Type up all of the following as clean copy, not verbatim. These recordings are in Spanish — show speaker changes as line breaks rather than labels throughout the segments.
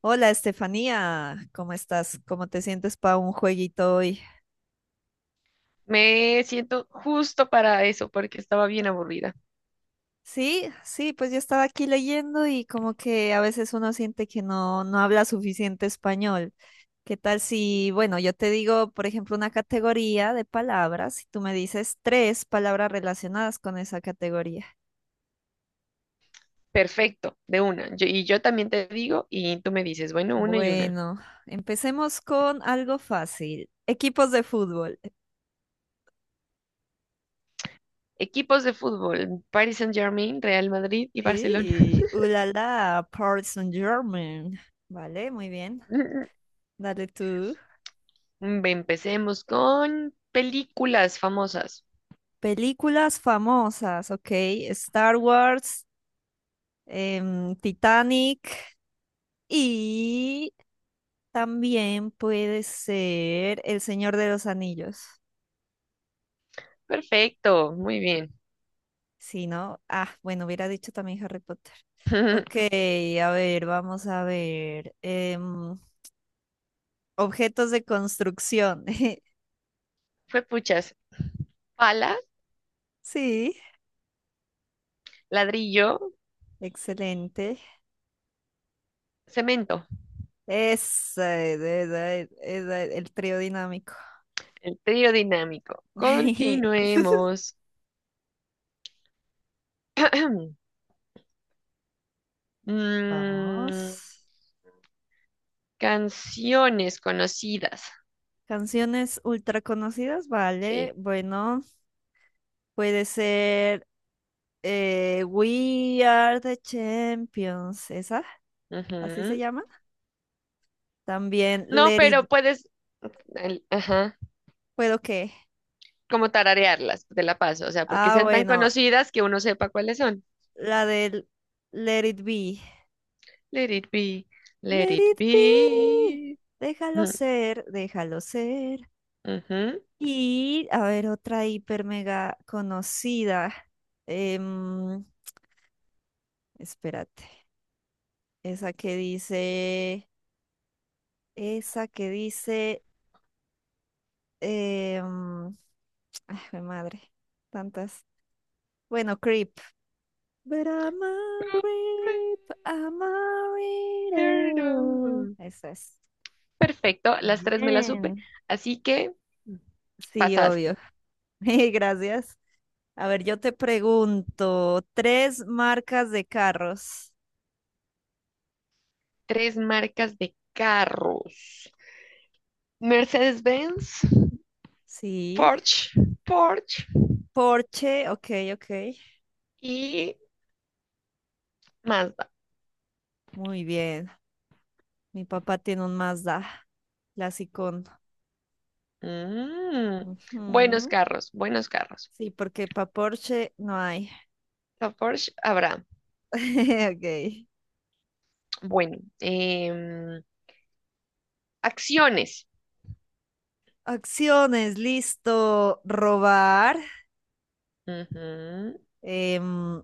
Hola Estefanía, ¿cómo estás? ¿Cómo te sientes para un jueguito hoy?
Me siento justo para eso porque estaba bien aburrida.
Sí, sí, pues yo estaba aquí leyendo y como que a veces uno siente que no habla suficiente español. ¿Qué tal si, bueno, yo te digo, por ejemplo, una categoría de palabras y tú me dices tres palabras relacionadas con esa categoría?
Perfecto, de una. Y yo también te digo y tú me dices, bueno, una y una.
Bueno, empecemos con algo fácil. Equipos de fútbol.
Equipos de fútbol, Paris Saint-Germain, Real Madrid y Barcelona.
Y, ulala, Paris Saint-Germain. Vale, muy bien. Dale tú.
Empecemos con películas famosas.
Películas famosas, ok. Star Wars, Titanic y también puede ser El Señor de los Anillos.
Perfecto, muy bien.
Si no, ah, bueno, hubiera dicho también Harry Potter. Ok, a ver, vamos a ver. Objetos de construcción.
Fue puchas. Pala,
Sí,
ladrillo,
excelente.
cemento.
Esa es el trío dinámico.
El trío dinámico. Continuemos. Mm,
Vamos.
Canciones conocidas,
Canciones ultra conocidas, vale.
sí.
Bueno, puede ser We Are the Champions, esa, así se
Ujú.
llama. También
No,
Let It,
pero puedes, ajá,
¿puedo qué?
como tararearlas, te la paso, o sea, porque
Ah,
sean tan
bueno,
conocidas que uno sepa cuáles son.
la del Let It Be.
Let it be, let
Let
it
It Be,
be.
déjalo
Ujú,
ser, déjalo ser.
ujú.
Y, a ver, otra hiper mega conocida. em, Espérate, esa que dice... Esa que dice Eh, mm, ay, jue madre, tantas. Bueno, Creep. But I'm a creep, I'm a weirdo. Eso es.
Perfecto, las tres me las supe,
Bien.
así que
Sí, obvio.
pasaste.
Mil gracias. A ver, yo te pregunto, tres marcas de carros.
Tres marcas de carros. Mercedes-Benz,
Sí.
Porsche, Porsche
Porsche, ok, ok.
y Mazda.
Muy bien. Mi papá tiene un Mazda, clasicón.
Mm, buenos
Ujú.
carros, buenos carros.
Sí, porque para Porsche no hay.
A Porsche habrá.
Ok.
Bueno, acciones.
Acciones, listo. Robar,
Ujú.
em,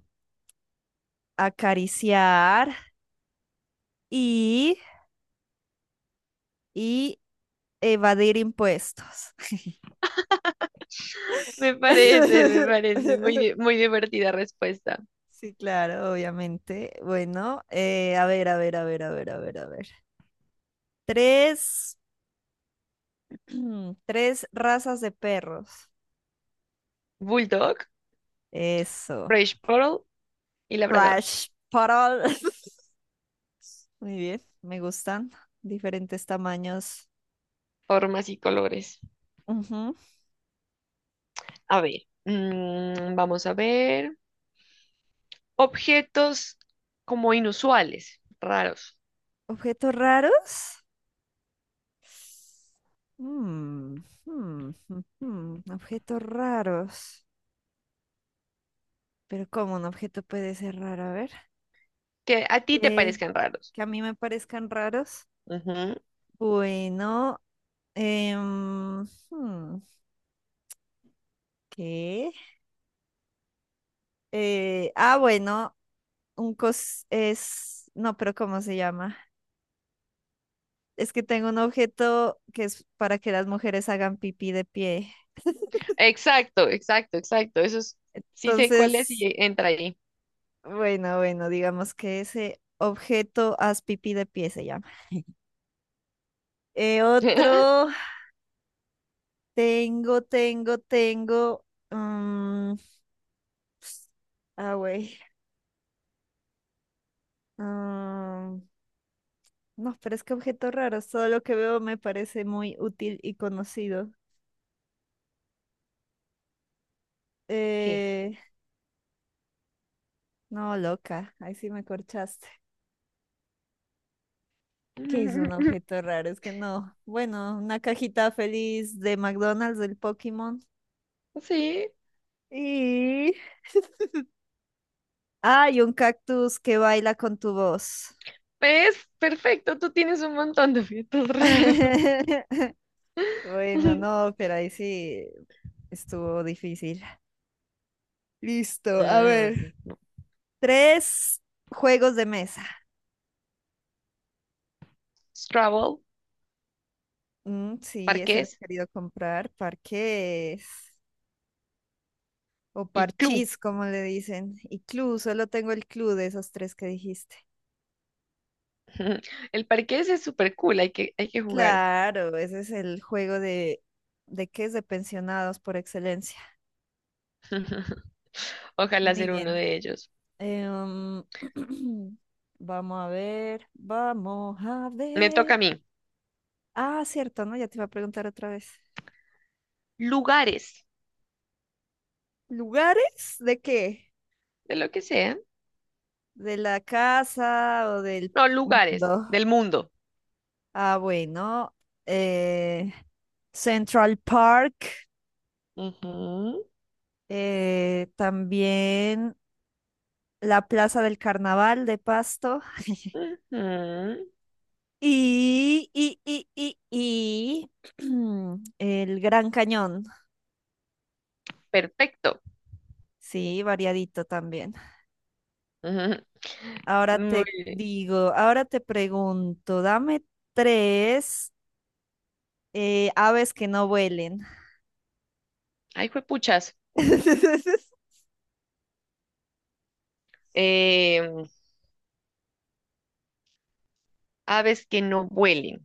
acariciar y, y evadir impuestos.
Me parece, me parece. Muy, muy divertida respuesta.
Sí, claro, obviamente. Bueno, a ver, a ver, a ver, a ver, a ver, a ver. Tres, tres razas de perros.
Bulldog,
Eso.
French Poodle y Labrador.
Fresh Poodle. Muy bien, me gustan. Diferentes tamaños.
Formas y colores.
Ujú.
A ver, mm, vamos a ver. Objetos como inusuales, raros,
Objetos raros. Mm, Objetos raros. Pero ¿cómo un objeto puede ser raro? A ver.
que a ti te
Eh,
parezcan raros.
que a mí me parezcan raros.
Ujú.
Bueno, em, hmm, ¿qué? Ah, bueno, un cos es... No, pero ¿cómo se llama? Es que tengo un objeto que es para que las mujeres hagan pipí de pie.
Exacto, exacto, exacto. Eso es, sí sé cuál es y
Entonces,
entra ahí.
bueno, bueno, digamos que ese objeto haz pipí de pie se llama. Otro, tengo. mm, ah, güey. mm, no, pero es que objeto raro. Todo lo que veo me parece muy útil y conocido.
¿Qué?
Eh, no, loca. Ahí sí me corchaste. ¿Qué es un objeto raro? Es que no. Bueno, una cajita feliz de McDonald's del Pokémon.
Sí,
Y. Hay un cactus que baila con tu voz.
es perfecto. Tú tienes un montón de objetos raros.
Bueno, no, pero ahí sí. Estuvo difícil. Listo, a ver.
Mm,
Tres juegos de mesa.
Scrabble,
Mm, sí, ese lo he
parqués
querido comprar. Parques o
y Clue.
parchís, como le dicen. Y club, solo tengo el club de esos tres que dijiste.
El parqués es súper cool, hay que jugar.
Claro, ese es el juego de qué es de pensionados por excelencia.
Ojalá
Muy
ser uno
bien.
de ellos.
Em, vamos a ver, vamos a
Me toca a
ver.
mí.
Ah, cierto, ¿no? Ya te iba a preguntar otra vez.
Lugares,
¿Lugares de qué?
de lo que sea.
¿De la casa o del
No, lugares
mundo?
del mundo.
Ah, bueno. eh, Central Park.
Ujú,
También la Plaza del Carnaval de Pasto.
ujú.
Y el Gran Cañón.
Perfecto.
Sí, variadito también. Ahora
Ujú. Muy
te
bien.
digo, ahora te pregunto, dame tres aves que no vuelen.
Ay, juepuchas. Aves que no vuelen.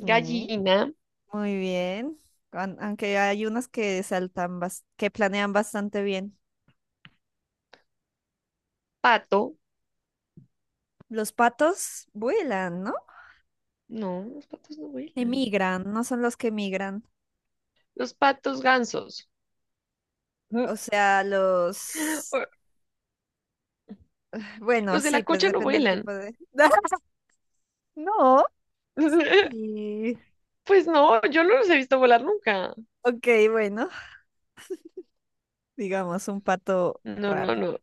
Ujú. Muy bien. Aunque hay unos que saltan, que planean bastante bien.
pato.
Los patos vuelan, ¿no?
No, los patos no vuelan.
Emigran, no son los que migran.
Los patos gansos.
O sea, los... Bueno,
Los de
sí,
la
pues
cocha no
depende del tipo
vuelan.
de... No. Y...
Pues no, yo no los he visto volar nunca.
Ok, bueno, digamos un pato
No,
raro.
no, no.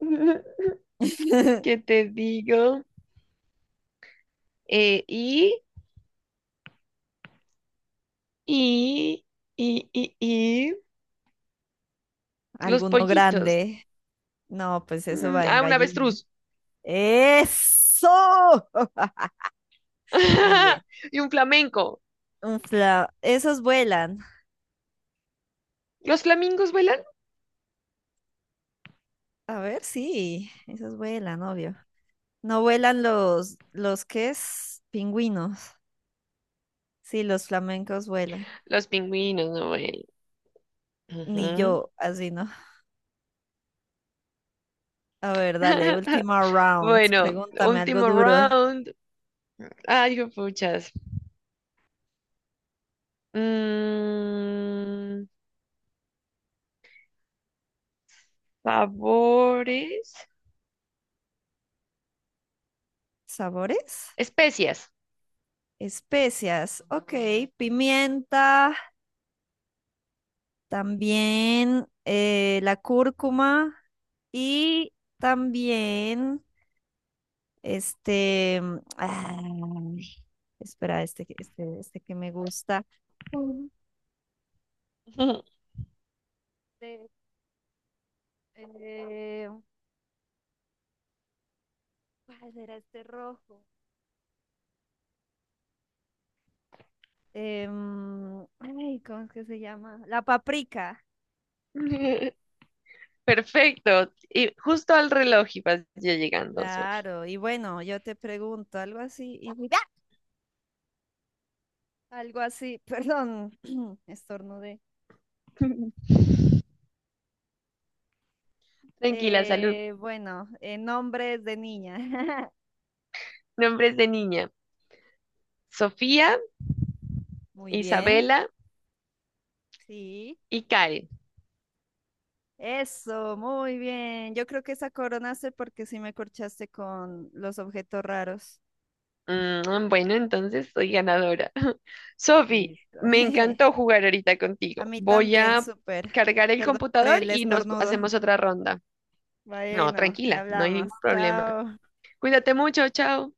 ¿Qué te digo? Eh, y, y, y, y, y, los
Alguno
pollitos.
grande. No, pues eso va en
Ah, un
gallina.
avestruz.
¡Eso! Muy bien.
Y un flamenco.
Un fla... Esos vuelan.
¿Los flamingos vuelan?
A ver, sí, esos vuelan, obvio. No vuelan los que es pingüinos. Sí, los flamencos vuelan.
Los pingüinos no vuelan.
Ni
Ujú.
yo, así no. A ver, dale, última round.
Bueno,
Pregúntame algo
último
duro.
round. Ay, puchas. Mm, sabores.
¿Sabores?
Especias.
Especias. Ok, pimienta, también la cúrcuma y también este, mm, ay, espera, este que me gusta. Mm. Este, Eh, ¿cuál era este rojo? Ay, ¿cómo es que se llama? La paprika.
Perfecto. Y justo al reloj ibas ya llegando, Sofía.
Claro, y bueno, yo te pregunto algo así, y paprika. Algo así, perdón, estornudé.
Tranquila, salud.
Bueno, nombres de niña.
Nombres de niña. Sofía,
Muy bien.
Isabela
Sí.
y Karen.
Eso, muy bien. Yo creo que esa coronaste porque sí me corchaste con los objetos raros.
Mm, bueno, entonces soy ganadora. Sofi,
Listo.
me encantó jugar ahorita
A
contigo.
mí
Voy
también,
a
súper.
cargar el
Perdón por
computador
el
y nos
estornudo.
hacemos otra ronda. No,
Bueno, ya
tranquila, no hay
hablamos.
ningún problema.
Chao.
Cuídate mucho, chao.